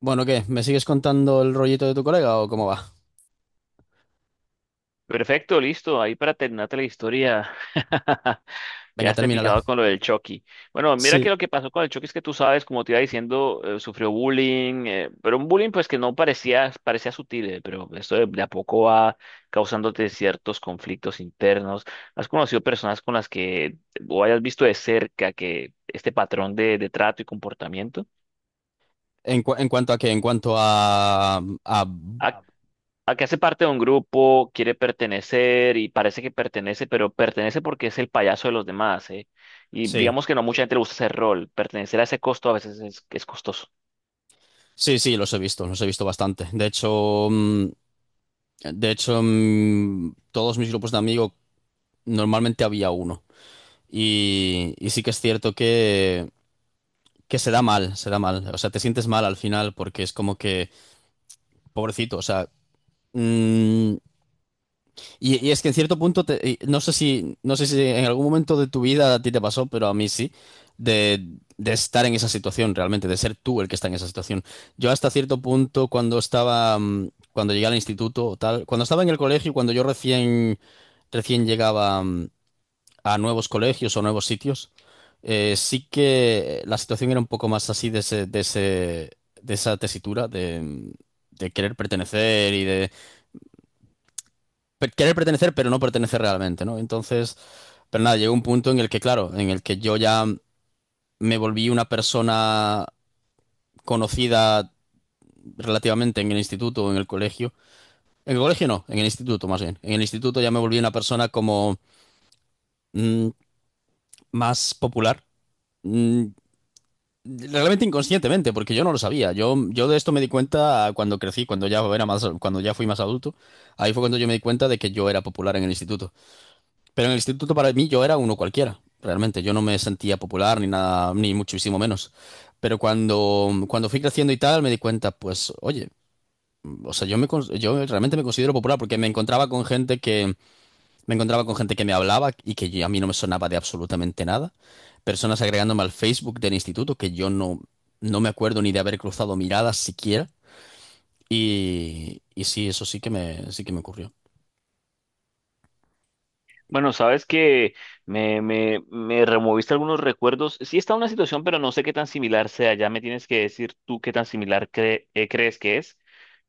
Bueno, ¿qué? ¿Me sigues contando el rollito de tu colega o cómo va? Perfecto, listo. Ahí para terminarte la historia. Ya Venga, esté termínala. picado con lo del Chucky. Bueno, mira Sí, que lo que pasó con el Chucky es que tú sabes, como te iba diciendo, sufrió bullying, pero un bullying pues que no parecía, parecía sutil, pero esto de a poco va causándote ciertos conflictos internos. ¿Has conocido personas con las que o hayas visto de cerca que este patrón de trato y comportamiento? ¿En, en cuanto a qué? En cuanto a, a- Ah, ah, acá hace parte de un grupo, quiere pertenecer y parece que pertenece, pero pertenece porque es el payaso de los demás, ¿eh? Y Sí, digamos que no mucha gente le gusta ese rol. Pertenecer a ese costo a veces es costoso. sí, sí, los he visto bastante. De hecho, de hecho, todos mis grupos de amigos normalmente había uno. Y sí que es cierto que se da mal, se da mal. O sea, te sientes mal al final porque es como que, pobrecito, o sea, mm, y es que en cierto punto, y no sé si, no sé si en algún momento de tu vida a ti te pasó, pero a mí sí, de, de estar en esa situación realmente, de ser tú el que está en esa situación. Yo hasta cierto punto, cuando estaba, cuando llegué al instituto o tal, cuando estaba en el colegio, cuando yo recién, recién llegaba a nuevos colegios o nuevos sitios, sí que la situación era un poco más así de ese, de ese, de esa tesitura de querer pertenecer y de querer pertenecer, pero no pertenecer realmente, ¿no? Entonces, pero nada, llegó un punto en el que, claro, en el que yo ya me volví una persona conocida relativamente en el instituto o en el colegio. En el colegio no, en el instituto más bien. En el instituto ya me volví una persona como mm, más popular. Mm, Realmente inconscientemente, porque yo no lo sabía. Yo de esto me di cuenta cuando crecí, cuando ya era más, cuando ya fui más adulto. Ahí fue cuando yo me di cuenta de que yo era popular en el instituto. Pero en el instituto para mí yo era uno cualquiera, realmente. Yo no me sentía popular ni nada, ni muchísimo menos. Pero cuando, cuando fui creciendo y tal, me di cuenta, pues, oye, o sea, yo me, yo realmente me considero popular porque me encontraba con gente que, me encontraba con gente que me hablaba y que a mí no me sonaba de absolutamente nada. Personas agregándome al Facebook del instituto que yo no, no me acuerdo ni de haber cruzado miradas siquiera. Y sí, eso sí que me ocurrió. Bueno, sabes que me removiste algunos recuerdos. Sí está una situación, pero no sé qué tan similar sea. Ya me tienes que decir tú qué tan similar crees que es.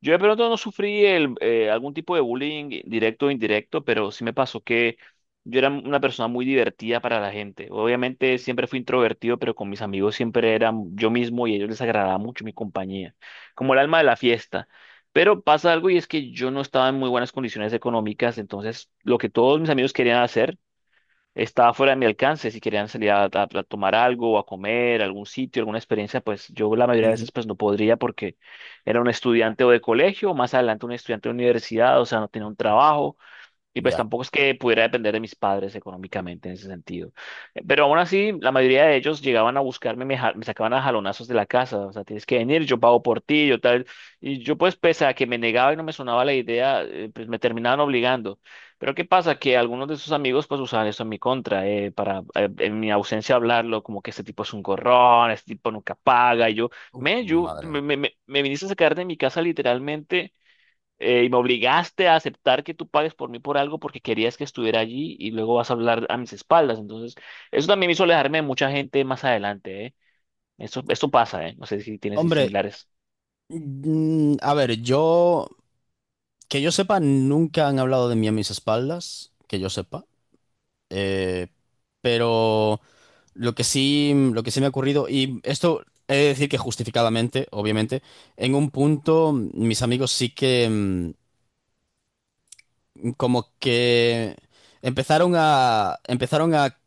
Yo de pronto no sufrí algún tipo de bullying directo o indirecto, pero sí me pasó que yo era una persona muy divertida para la gente. Obviamente siempre fui introvertido, pero con mis amigos siempre era yo mismo y a ellos les agradaba mucho mi compañía, como el alma de la fiesta. Pero pasa algo y es que yo no estaba en muy buenas condiciones económicas, entonces lo que todos mis amigos querían hacer estaba fuera de mi alcance. Si querían salir a tomar algo, o a comer, a algún sitio, alguna experiencia, pues yo la mayoría de Ujú. veces pues no podría porque era un estudiante o de colegio, o más adelante un estudiante de universidad, o sea, no tenía un trabajo. Y pues Ya. tampoco es que pudiera depender de mis padres económicamente en ese sentido. Pero aún así, la mayoría de ellos llegaban a buscarme, me sacaban a jalonazos de la casa. O sea, tienes que venir, yo pago por ti, yo tal. Y yo pues, pese a que me negaba y no me sonaba la idea, pues me terminaban obligando. Pero ¿qué pasa? Que algunos de sus amigos pues usaban eso en mi contra, para en mi ausencia hablarlo, como que este tipo es un gorrón, este tipo nunca paga. Y yo, me, yo, Madre mía. me, me, me me viniste a sacar de mi casa literalmente y me obligaste a aceptar que tú pagues por mí por algo porque querías que estuviera allí y luego vas a hablar a mis espaldas. Entonces, eso también me hizo alejarme de mucha gente más adelante, ¿eh? Eso, esto pasa, ¿eh? No sé si tienes Hombre, similares. A ver, yo, que yo sepa, nunca han hablado de mí a mis espaldas, que yo sepa. Eh, pero lo que sí me ha ocurrido, y esto he de decir que justificadamente, obviamente, en un punto mis amigos sí que como que empezaron a, empezaron a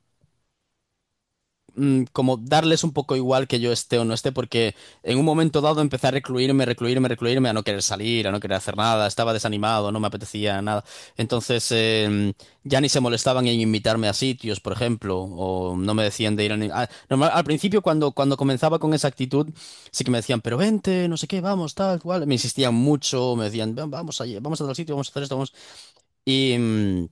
como darles un poco igual que yo esté o no esté, porque en un momento dado empecé a recluirme, recluirme, recluirme, a no querer salir, a no querer hacer nada, estaba desanimado, no me apetecía nada. Entonces ya ni se molestaban en invitarme a sitios, por ejemplo, o no me decían de ir a... al principio cuando, cuando comenzaba con esa actitud, sí que me decían, pero vente, no sé qué, vamos, tal, cual. Me insistían mucho, me decían, "Ven, vamos allí, vamos a tal sitio, vamos a hacer esto, vamos... Y...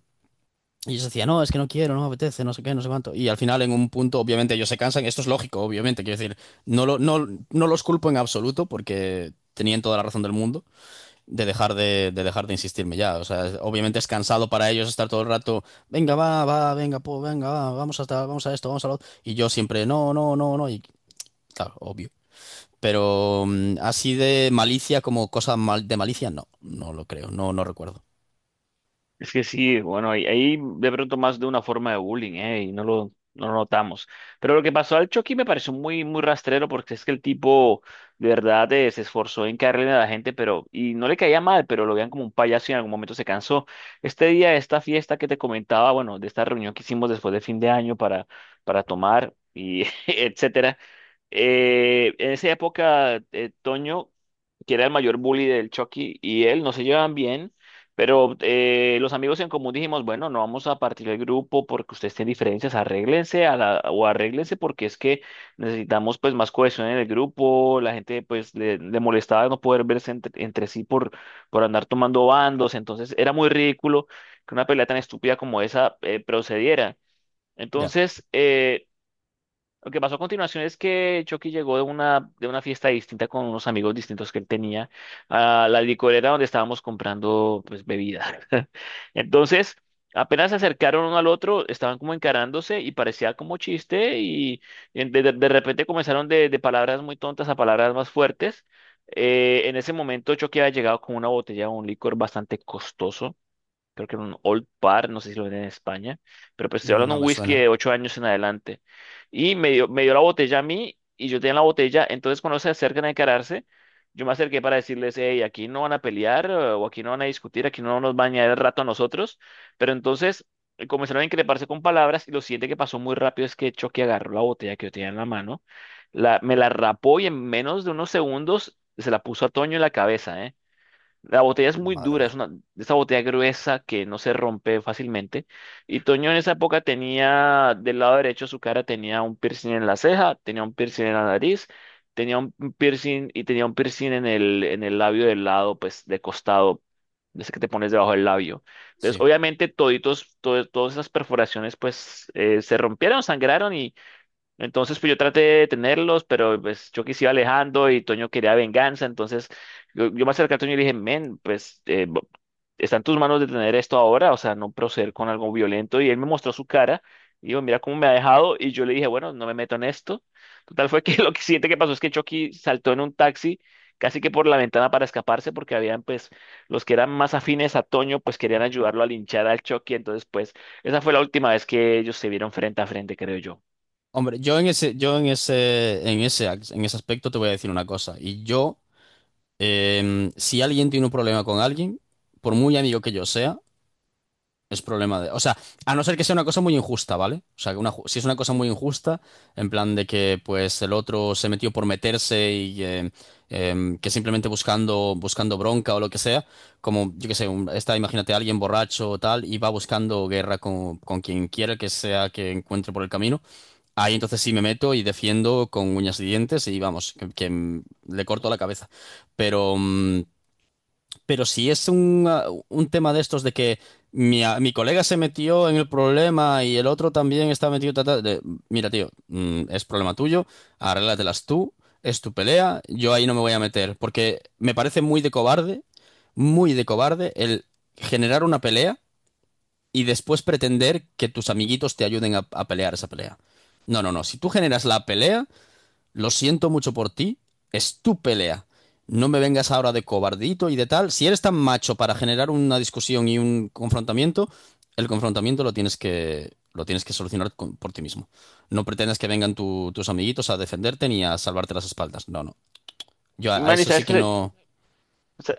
y ellos decían, no, es que no quiero, no me apetece, no sé qué, no sé cuánto. Y al final, en un punto, obviamente, ellos se cansan. Esto es lógico, obviamente. Quiero decir, no, no, no los culpo en absoluto porque tenían toda la razón del mundo de dejar de insistirme ya. O sea, obviamente es cansado para ellos estar todo el rato, venga, va, va, venga, po, venga, va, vamos a, tal, vamos a esto, vamos a lo otro. Y yo siempre, no, no, no, no. Y claro, obvio. Pero así de malicia como cosa mal, de malicia, no, no lo creo, no, no recuerdo. Es que sí, bueno, ahí de pronto más de una forma de bullying, ¿eh? Y no lo notamos. Pero lo que pasó al Chucky me pareció muy, muy rastrero porque es que el tipo de verdad se esforzó en caerle a la gente, pero, y no le caía mal, pero lo veían como un payaso y en algún momento se cansó. Este día, esta fiesta que te comentaba, bueno, de esta reunión que hicimos después de fin de año para tomar y etcétera. En esa época, Toño, que era el mayor bully del Chucky y él, no se llevan bien, pero los amigos en común dijimos, bueno, no vamos a partir el grupo porque ustedes tienen diferencias, arréglense a la, o arréglense porque es que necesitamos pues más cohesión en el grupo, la gente pues le molestaba no poder verse entre sí por andar tomando bandos, entonces era muy ridículo que una pelea tan estúpida como esa procediera. Ya, Entonces, lo que pasó a continuación es que Chucky llegó de una fiesta distinta con unos amigos distintos que él tenía a la licorera donde estábamos comprando pues bebida. Entonces, apenas se acercaron uno al otro, estaban como encarándose y parecía como chiste y de repente comenzaron de palabras muy tontas a palabras más fuertes. En ese momento Chucky había llegado con una botella de un licor bastante costoso, creo que era un Old Par, no sé si lo venden en España, pero pues estoy hablando no de un me whisky suena. de 8 años en adelante. Y me dio la botella a mí y yo tenía la botella, entonces cuando se acercan a encararse, yo me acerqué para decirles, hey, aquí no van a pelear o aquí no van a discutir, aquí no nos van a añadir el rato a nosotros, pero entonces comenzaron a increparse con palabras y lo siguiente que pasó muy rápido es que Chucky agarró la botella que yo tenía en la mano, la, me la rapó y en menos de unos segundos se la puso a Toño en la cabeza, eh. La botella es muy Madre dura, mía. es una, esa botella gruesa que no se rompe fácilmente. Y Toño en esa época tenía, del lado derecho de su cara tenía un piercing en la ceja, tenía un piercing en la nariz, tenía un piercing y tenía un piercing en en el labio del lado, pues de costado, de ese que te pones debajo del labio. Entonces, Sí. obviamente, todas esas perforaciones, pues se rompieron, sangraron y entonces, pues yo traté de tenerlos, pero pues yo quise iba alejando y Toño quería venganza. Entonces, yo me acerqué a Toño y le dije, men, pues está en tus manos detener esto ahora, o sea, no proceder con algo violento. Y él me mostró su cara y dijo, mira cómo me ha dejado. Y yo le dije, bueno, no me meto en esto. Total fue que lo que siguiente que pasó es que Chucky saltó en un taxi, casi que por la ventana para escaparse, porque habían, pues, los que eran más afines a Toño, pues querían ayudarlo a linchar al Chucky. Entonces, pues, esa fue la última vez que ellos se vieron frente a frente, creo yo. Hombre, yo en ese, en ese, en ese aspecto te voy a decir una cosa. Y yo, si alguien tiene un problema con alguien, por muy amigo que yo sea, es problema de. O sea, a no ser que sea una cosa muy injusta, ¿vale? O sea, que una si es una cosa muy injusta, en plan de que pues el otro se metió por meterse y que simplemente buscando, buscando bronca o lo que sea, como yo qué sé, está, imagínate alguien borracho o tal, y va buscando guerra con quien quiera que sea que encuentre por el camino. Ahí entonces sí me meto y defiendo con uñas y dientes y vamos, que, le corto la cabeza. Pero, pero si es un, un tema de estos de que mi, mi colega se metió en el problema y el otro también está metido, ta, ta, mira tío, es problema tuyo, arréglatelas tú, es tu pelea, yo ahí no me voy a meter, porque me parece muy de cobarde el generar una pelea y después pretender que tus amiguitos te ayuden a pelear esa pelea. No, no, no. Si tú generas la pelea, lo siento mucho por ti, es tu pelea. No me vengas ahora de cobardito y de tal. Si eres tan macho para generar una discusión y un confrontamiento, el confrontamiento lo tienes que solucionar por ti mismo. No pretendas que vengan tus amiguitos a defenderte ni a salvarte las espaldas. No, no. Yo a Manny, eso sí ¿sabes qué, que no.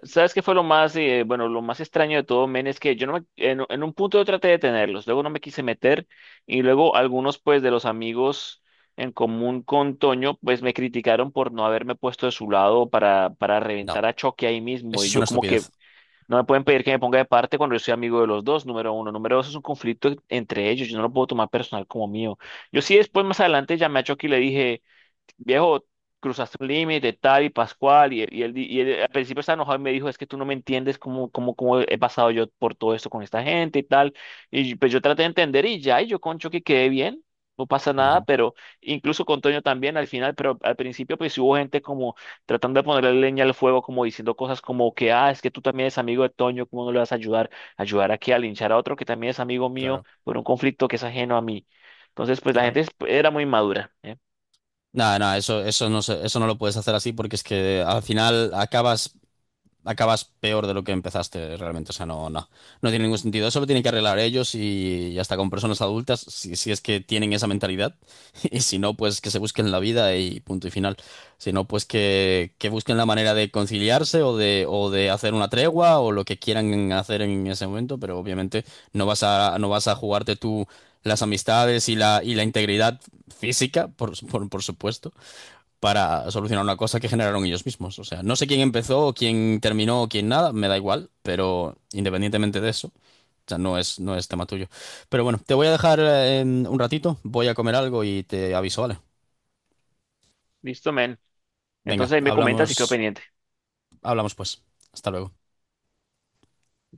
sabes qué fue lo más, bueno, lo más extraño de todo, men? Es que yo no me- en un punto yo traté de tenerlos, luego no me quise meter y luego algunos, pues, de los amigos en común con Toño, pues, me criticaron por no haberme puesto de su lado para No, reventar a Choque ahí mismo eso y es una yo como que estupidez. no me pueden pedir que me ponga de parte cuando yo soy amigo de los dos, número uno. Número dos, es un conflicto entre ellos, yo no lo puedo tomar personal como mío. Yo sí después, más adelante, llamé a Choque y le dije viejo, cruzaste un límite, tal y Pascual, y él al principio estaba enojado y me dijo, es que tú no me entiendes cómo he pasado yo por todo esto con esta gente y tal, y pues yo traté de entender y ya, y yo concho que quedé bien, no pasa nada, Ujú, pero incluso con Toño también al final, pero al principio pues sí hubo gente como tratando de ponerle leña al fuego, como diciendo cosas como que, ah, es que tú también eres amigo de Toño, ¿cómo no le vas a ayudar? ¿Ayudar aquí a linchar a otro que también es amigo mío claro, por un conflicto que es ajeno a mí? Entonces, pues la claro. gente era muy madura, ¿eh? No, no, eso no eso no lo puedes hacer así porque es que al final acabas, acabas peor de lo que empezaste realmente. O sea, no, no, no tiene ningún sentido. Eso lo tienen que arreglar ellos y hasta con personas adultas, si, si es que tienen esa mentalidad. Y si no, pues que se busquen la vida y punto y final. Si no, pues que busquen la manera de conciliarse o de hacer una tregua o lo que quieran hacer en ese momento, pero obviamente no vas a, no vas a jugarte tú las amistades y la integridad física, por supuesto para solucionar una cosa que generaron ellos mismos. O sea, no sé quién empezó, o quién terminó, o quién nada, me da igual, pero independientemente de eso, o sea, no es, no es tema tuyo. Pero bueno, te voy a dejar un ratito, voy a comer algo y te aviso, ¿vale? Listo, men. Venga, Entonces ahí me comentas si quedó hablamos, pendiente. hablamos pues. Hasta luego.